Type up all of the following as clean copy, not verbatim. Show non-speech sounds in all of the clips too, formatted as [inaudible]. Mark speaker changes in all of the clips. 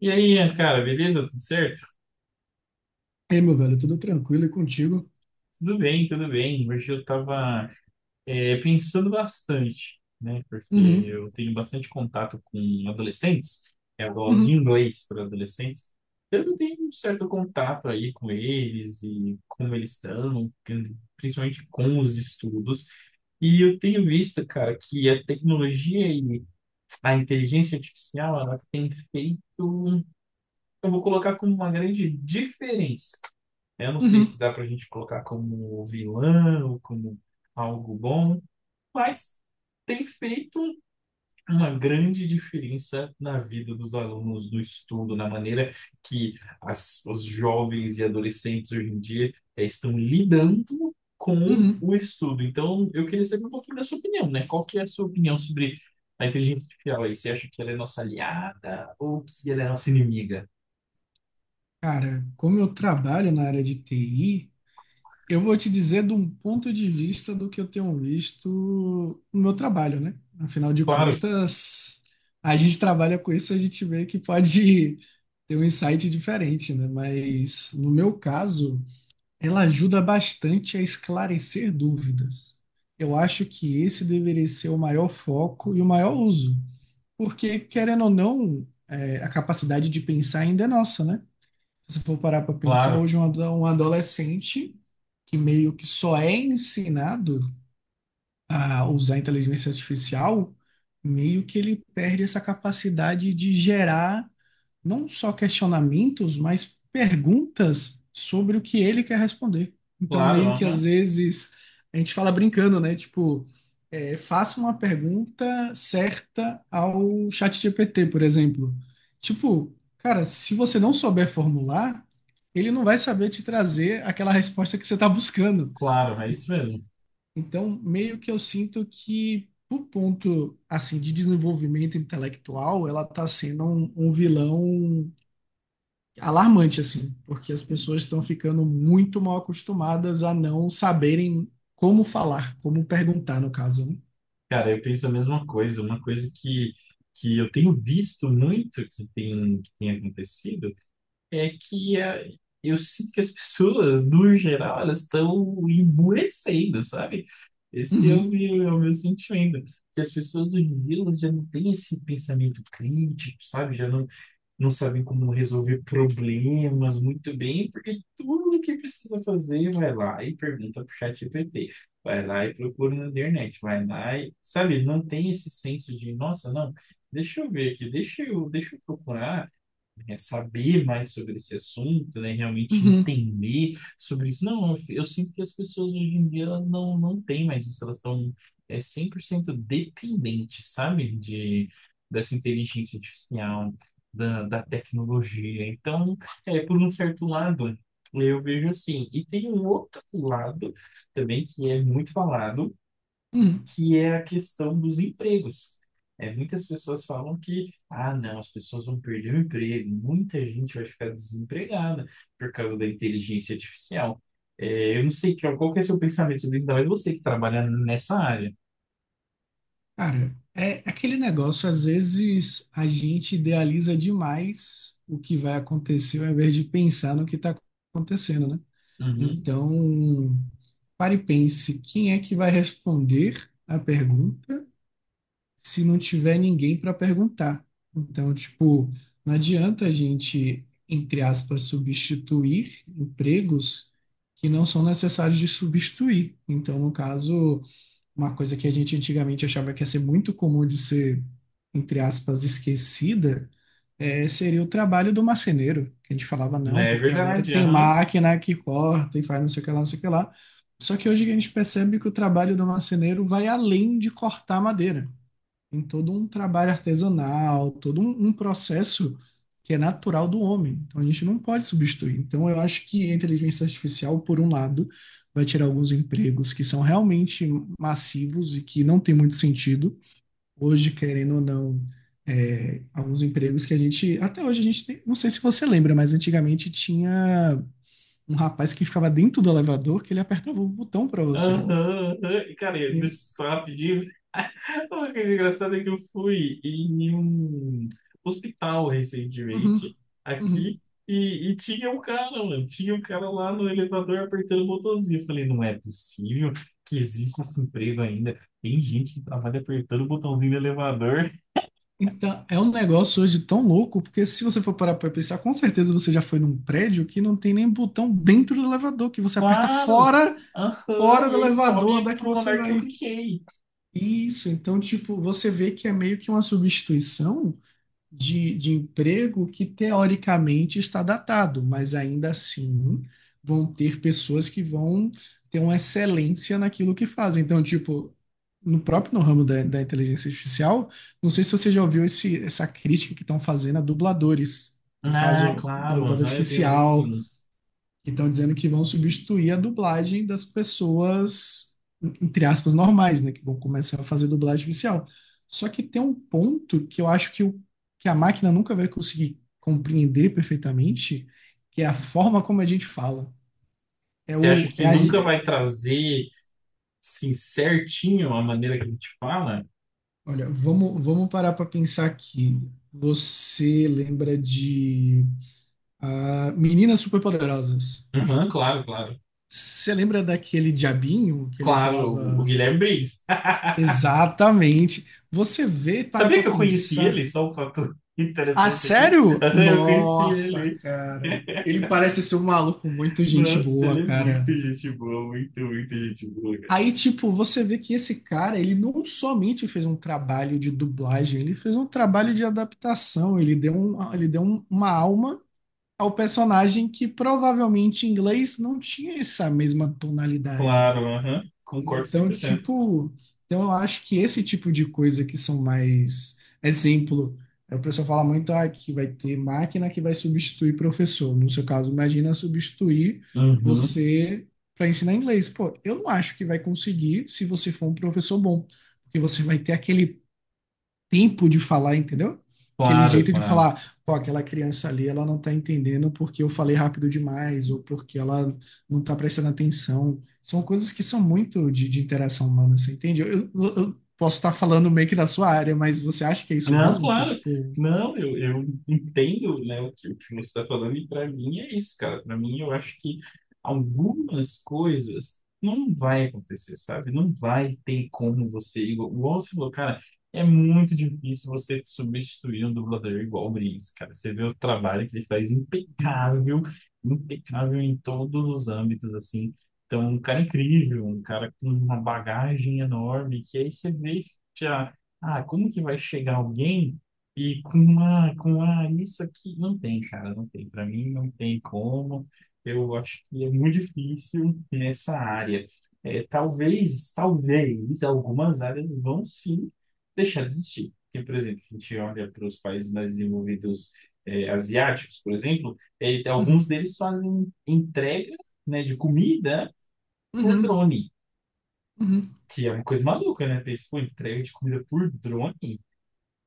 Speaker 1: E aí, Ian, cara, beleza? Tudo certo?
Speaker 2: Ei, meu velho, tudo tranquilo e contigo?
Speaker 1: Tudo bem, tudo bem. Hoje eu tava, pensando bastante, né? Porque
Speaker 2: Uhum,
Speaker 1: eu tenho bastante contato com adolescentes, é aula de
Speaker 2: uhum,
Speaker 1: inglês para adolescentes. Então eu tenho um certo contato aí com eles e como eles estão, principalmente com os estudos. E eu tenho visto, cara, que a tecnologia e a inteligência artificial, ela tem feito, eu vou colocar como uma grande diferença. Eu não sei se
Speaker 2: uhum,
Speaker 1: dá pra gente colocar como vilão ou como algo bom, mas tem feito uma grande diferença na vida dos alunos, no estudo, na maneira que os jovens e adolescentes hoje em dia estão lidando com
Speaker 2: uhum.
Speaker 1: o estudo. Então, eu queria saber um pouquinho da sua opinião, né? Qual que é a sua opinião sobre a inteligência artificial aí? Você acha que ela é nossa aliada ou que ela é nossa inimiga?
Speaker 2: Cara, como eu trabalho na área de TI, eu vou te dizer de um ponto de vista do que eu tenho visto no meu trabalho, né? Afinal de
Speaker 1: Claro,
Speaker 2: contas, a gente trabalha com isso, a gente vê que pode [laughs] ter um insight diferente, né? Mas no meu caso, ela ajuda bastante a esclarecer dúvidas. Eu acho que esse deveria ser o maior foco e o maior uso. Porque, querendo ou não, é, a capacidade de pensar ainda é nossa, né? Se você for parar para pensar,
Speaker 1: claro,
Speaker 2: hoje um adolescente que meio que só é ensinado a usar a inteligência artificial, meio que ele perde essa capacidade de gerar não só questionamentos, mas perguntas sobre o que ele quer responder. Então,
Speaker 1: claro,
Speaker 2: meio que às
Speaker 1: aham,
Speaker 2: vezes a gente fala brincando, né? Tipo, é, faça uma pergunta certa ao ChatGPT, por exemplo. Tipo, cara, se você não souber formular, ele não vai saber te trazer aquela resposta que você está buscando.
Speaker 1: claro, é isso mesmo.
Speaker 2: Então, meio que eu sinto que, por ponto assim de desenvolvimento intelectual, ela está sendo um vilão é alarmante, assim, porque as pessoas estão ficando muito mal acostumadas a não saberem como falar, como perguntar, no caso. Né?
Speaker 1: Cara, eu penso a mesma coisa. Uma coisa que, eu tenho visto muito que tem acontecido é que eu sinto que as [laughs] pessoas, no geral, elas estão emburrecendo, sabe? Esse
Speaker 2: Uhum,
Speaker 1: é o meu sentimento. Que as pessoas hoje em dia elas já não têm esse pensamento crítico, sabe? Já não, não sabem como resolver problemas muito bem, porque tudo que precisa fazer vai lá e pergunta pro ChatGPT, vai lá e procura na internet, vai lá e, sabe, não tem esse senso de, nossa, não, deixa eu ver aqui, deixa eu, procurar, é, saber mais sobre esse assunto, né? Realmente
Speaker 2: uhum,
Speaker 1: entender sobre isso. Não, eu sinto que as pessoas hoje em dia elas não, não têm mais isso, elas estão, é, 100% dependentes, sabe? De, dessa inteligência artificial, da, da tecnologia. Então, é, por um certo lado, eu vejo assim. E tem um outro lado também que é muito falado,
Speaker 2: uhum.
Speaker 1: que é a questão dos empregos. É, muitas pessoas falam que, ah, não, as pessoas vão perder o emprego, muita gente vai ficar desempregada por causa da inteligência artificial. É, eu não sei que, qual que é o seu pensamento sobre isso, ainda mais você que trabalha nessa área.
Speaker 2: Cara, é aquele negócio, às vezes a gente idealiza demais o que vai acontecer, ao invés de pensar no que está acontecendo, né?
Speaker 1: Uhum.
Speaker 2: Então, pare e pense, quem é que vai responder a pergunta? Se não tiver ninguém para perguntar. Então, tipo, não adianta a gente, entre aspas, substituir empregos que não são necessários de substituir. Então, no caso, uma coisa que a gente antigamente achava que ia ser muito comum de ser, entre aspas, esquecida, seria o trabalho do marceneiro, que a gente falava, não,
Speaker 1: É
Speaker 2: porque agora
Speaker 1: verdade,
Speaker 2: tem
Speaker 1: aham.
Speaker 2: máquina que corta e faz não sei o que lá, não sei o que lá. Só que hoje a gente percebe que o trabalho do marceneiro vai além de cortar madeira. Tem todo um trabalho artesanal, um processo que é natural do homem. Então a gente não pode substituir. Então eu acho que a inteligência artificial, por um lado, vai tirar alguns empregos que são realmente massivos e que não tem muito sentido. Hoje, querendo ou não, é, alguns empregos que a gente, até hoje a gente tem, não sei se você lembra, mas antigamente tinha um rapaz que ficava dentro do elevador que ele apertava o botão para
Speaker 1: Aham,
Speaker 2: você.
Speaker 1: aham. E, cara, eu-
Speaker 2: E-
Speaker 1: deixa eu só rapidinho, [laughs] o que é engraçado é que eu fui em um hospital
Speaker 2: uhum,
Speaker 1: recentemente,
Speaker 2: uhum.
Speaker 1: aqui, e tinha um cara, mano, tinha um cara lá no elevador apertando o botãozinho. Eu falei, não é possível que exista esse emprego ainda. Tem gente que trabalha apertando o botãozinho do elevador. [laughs]
Speaker 2: Então, é um negócio hoje tão louco, porque se você for parar para pensar, com certeza você já foi num prédio que não tem nem botão dentro do elevador, que você aperta
Speaker 1: Claro!
Speaker 2: fora,
Speaker 1: Aham,
Speaker 2: fora do
Speaker 1: e aí
Speaker 2: elevador,
Speaker 1: sobe
Speaker 2: andar que
Speaker 1: pro
Speaker 2: você
Speaker 1: andar que eu
Speaker 2: vai.
Speaker 1: cliquei.
Speaker 2: Isso, então, tipo, você vê que é meio que uma substituição de emprego que teoricamente está datado, mas ainda assim vão ter pessoas que vão ter uma excelência naquilo que fazem. Então, tipo, no próprio no ramo da inteligência artificial, não sei se você já ouviu essa crítica que estão fazendo a dubladores. No
Speaker 1: Ah,
Speaker 2: caso, da
Speaker 1: claro,
Speaker 2: dubladora
Speaker 1: aham, eu tenho visto
Speaker 2: artificial,
Speaker 1: sim.
Speaker 2: que estão dizendo que vão substituir a dublagem das pessoas, entre aspas, normais, né? Que vão começar a fazer dublagem oficial. Só que tem um ponto que eu acho que, o, que a máquina nunca vai conseguir compreender perfeitamente, que é a forma como a gente fala. É
Speaker 1: Você acha
Speaker 2: o, é
Speaker 1: que
Speaker 2: a,
Speaker 1: nunca
Speaker 2: é-
Speaker 1: vai trazer, assim, certinho a maneira que a gente fala?
Speaker 2: Olha, vamos parar para pensar aqui. Você lembra de ah, Meninas Superpoderosas?
Speaker 1: Aham, claro, claro.
Speaker 2: Você lembra daquele diabinho que ele
Speaker 1: Claro,
Speaker 2: falava.
Speaker 1: o Guilherme Briggs. [laughs]
Speaker 2: Exatamente. Você vê, parar
Speaker 1: Sabia
Speaker 2: pra
Speaker 1: que eu conheci
Speaker 2: pensar.
Speaker 1: ele? Só um fato [laughs]
Speaker 2: Ah,
Speaker 1: interessante aqui.
Speaker 2: sério?
Speaker 1: [laughs] Eu conheci
Speaker 2: Nossa,
Speaker 1: ele.
Speaker 2: cara.
Speaker 1: [laughs]
Speaker 2: Ele parece ser um maluco muito gente
Speaker 1: Nossa,
Speaker 2: boa,
Speaker 1: ele é
Speaker 2: cara.
Speaker 1: muito gente boa, muito, muito gente boa, cara.
Speaker 2: Aí, tipo, você vê que esse cara, ele não somente fez um trabalho de dublagem, ele fez um trabalho de adaptação, uma alma ao personagem que provavelmente em inglês não tinha essa mesma tonalidade.
Speaker 1: Claro, aham. Concordo
Speaker 2: Então,
Speaker 1: 100%.
Speaker 2: tipo, então eu acho que esse tipo de coisa que são mais exemplo, é o pessoal fala muito ah, que vai ter máquina que vai substituir professor. No seu caso, imagina substituir
Speaker 1: Uhum.
Speaker 2: você para ensinar inglês. Pô, eu não acho que vai conseguir se você for um professor bom, porque você vai ter aquele tempo de falar, entendeu? Aquele
Speaker 1: Claro,
Speaker 2: jeito de
Speaker 1: claro.
Speaker 2: falar, pô, aquela criança ali, ela não tá entendendo porque eu falei rápido demais ou porque ela não tá prestando atenção. São coisas que são muito de interação humana, você entende? Eu posso estar falando meio que da sua área, mas você acha que é isso
Speaker 1: Não,
Speaker 2: mesmo? Que,
Speaker 1: claro.
Speaker 2: tipo,
Speaker 1: Não, eu entendo, né, o que, você está falando, e para mim é isso, cara. Para mim, eu acho que algumas coisas não vai acontecer, sabe? Não vai ter como você, igual, você falou, cara, é muito difícil você substituir um dublador igual o Briggs, cara. Você vê o trabalho que ele faz
Speaker 2: uhum,
Speaker 1: impecável, impecável em todos os âmbitos, assim. Então, um cara incrível, um cara com uma bagagem enorme, que aí você vê. Ah, como que vai chegar alguém e com uma, isso aqui não tem, cara, não tem. Para mim não tem como. Eu acho que é muito difícil nessa área. É, talvez, talvez algumas áreas vão sim deixar de existir. Porque, por exemplo, a gente olha para os países mais desenvolvidos, é, asiáticos, por exemplo, é, alguns
Speaker 2: uhum,
Speaker 1: deles fazem entrega, né, de comida por
Speaker 2: uhum,
Speaker 1: drone,
Speaker 2: uhum.
Speaker 1: que é uma coisa maluca, né? Pensa, pô, entrega de comida por drone?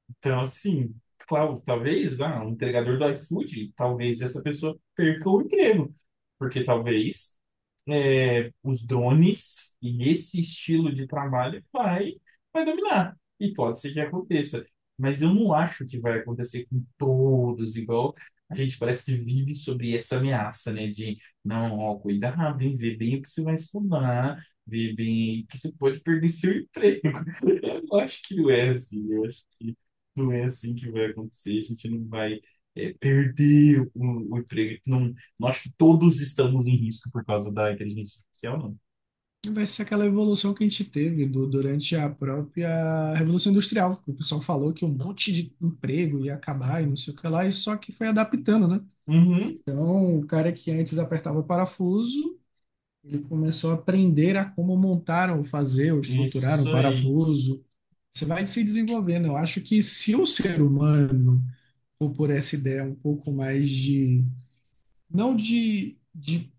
Speaker 1: Então, assim, claro, talvez ah, um entregador do iFood, talvez essa pessoa perca o emprego, porque talvez é, os drones e esse estilo de trabalho vai, vai dominar. E pode ser que aconteça. Mas eu não acho que vai acontecer com todos, igual a gente parece que vive sobre essa ameaça, né? De, não, ó, cuidado, hein? Vê bem o que você vai estudar, vê bem que você pode perder seu emprego. [laughs] Eu acho que não é assim, eu acho que não é assim que vai acontecer, a gente não vai, é, perder o emprego. Não, não acho que todos estamos em risco por causa da inteligência artificial, não.
Speaker 2: Vai ser aquela evolução que a gente teve durante a própria Revolução Industrial, que o pessoal falou que um monte de emprego ia acabar e não sei o que lá, e só que foi adaptando, né?
Speaker 1: Uhum,
Speaker 2: Um cara que antes apertava o parafuso, ele começou a aprender a como montar ou fazer ou estruturar um
Speaker 1: isso aí.
Speaker 2: parafuso. Você vai se desenvolvendo. Eu acho que se o ser humano for por essa ideia um pouco mais de não de, de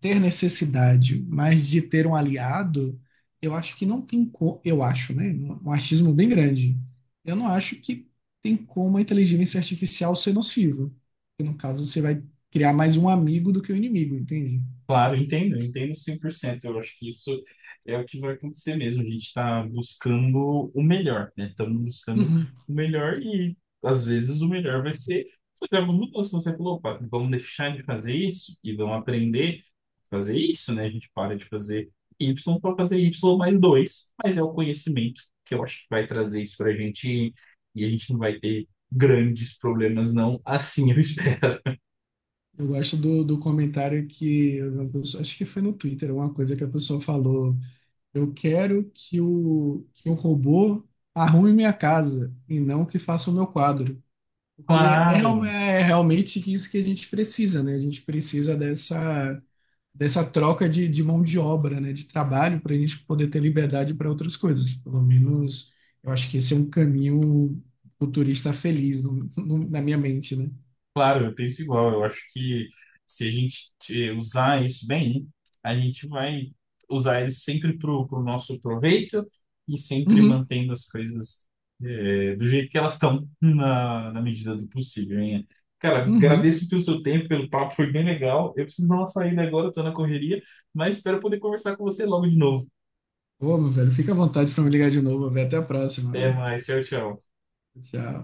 Speaker 2: ter necessidade, mas de ter um aliado, eu acho que não tem como, eu acho, né? Um achismo bem grande. Eu não acho que tem como a inteligência artificial ser nociva. Porque, no caso, você vai criar mais um amigo do que um inimigo, entende?
Speaker 1: Claro, eu entendo cem por cento. Eu acho que isso é o que vai acontecer mesmo. A gente está buscando o melhor, né? Estamos buscando
Speaker 2: Uhum.
Speaker 1: o melhor e, às vezes, o melhor vai ser fazer algumas mudanças. Você falou, opa, vamos deixar de fazer isso e vamos aprender a fazer isso, né? A gente para de fazer Y para fazer Y mais dois, mas é o conhecimento que eu acho que vai trazer isso para a gente e a gente não vai ter grandes problemas, não. Assim eu espero. [laughs]
Speaker 2: Eu gosto do comentário que uma pessoa- acho que foi no Twitter, uma coisa que a pessoa falou. Eu quero que o robô arrume minha casa e não que faça o meu quadro. Que é, real-
Speaker 1: Claro.
Speaker 2: é realmente isso que a gente precisa, né? A gente precisa dessa, dessa troca de mão de obra, né? De trabalho para a gente poder ter liberdade para outras coisas. Pelo menos eu acho que esse é um caminho futurista feliz na minha mente, né?
Speaker 1: Claro, eu penso igual. Eu acho que se a gente usar isso bem, a gente vai usar ele sempre para o nosso proveito e sempre
Speaker 2: Uhum,
Speaker 1: mantendo as coisas do jeito que elas estão, na, na medida do possível, hein? Cara,
Speaker 2: uhum.
Speaker 1: agradeço pelo seu tempo, pelo papo, foi bem legal. Eu preciso dar uma saída agora, estou na correria, mas espero poder conversar com você logo de novo.
Speaker 2: Ô, meu velho, fica à vontade para me ligar de novo. Velho. Até a próxima,
Speaker 1: Até
Speaker 2: velho.
Speaker 1: mais, tchau, tchau.
Speaker 2: Tchau.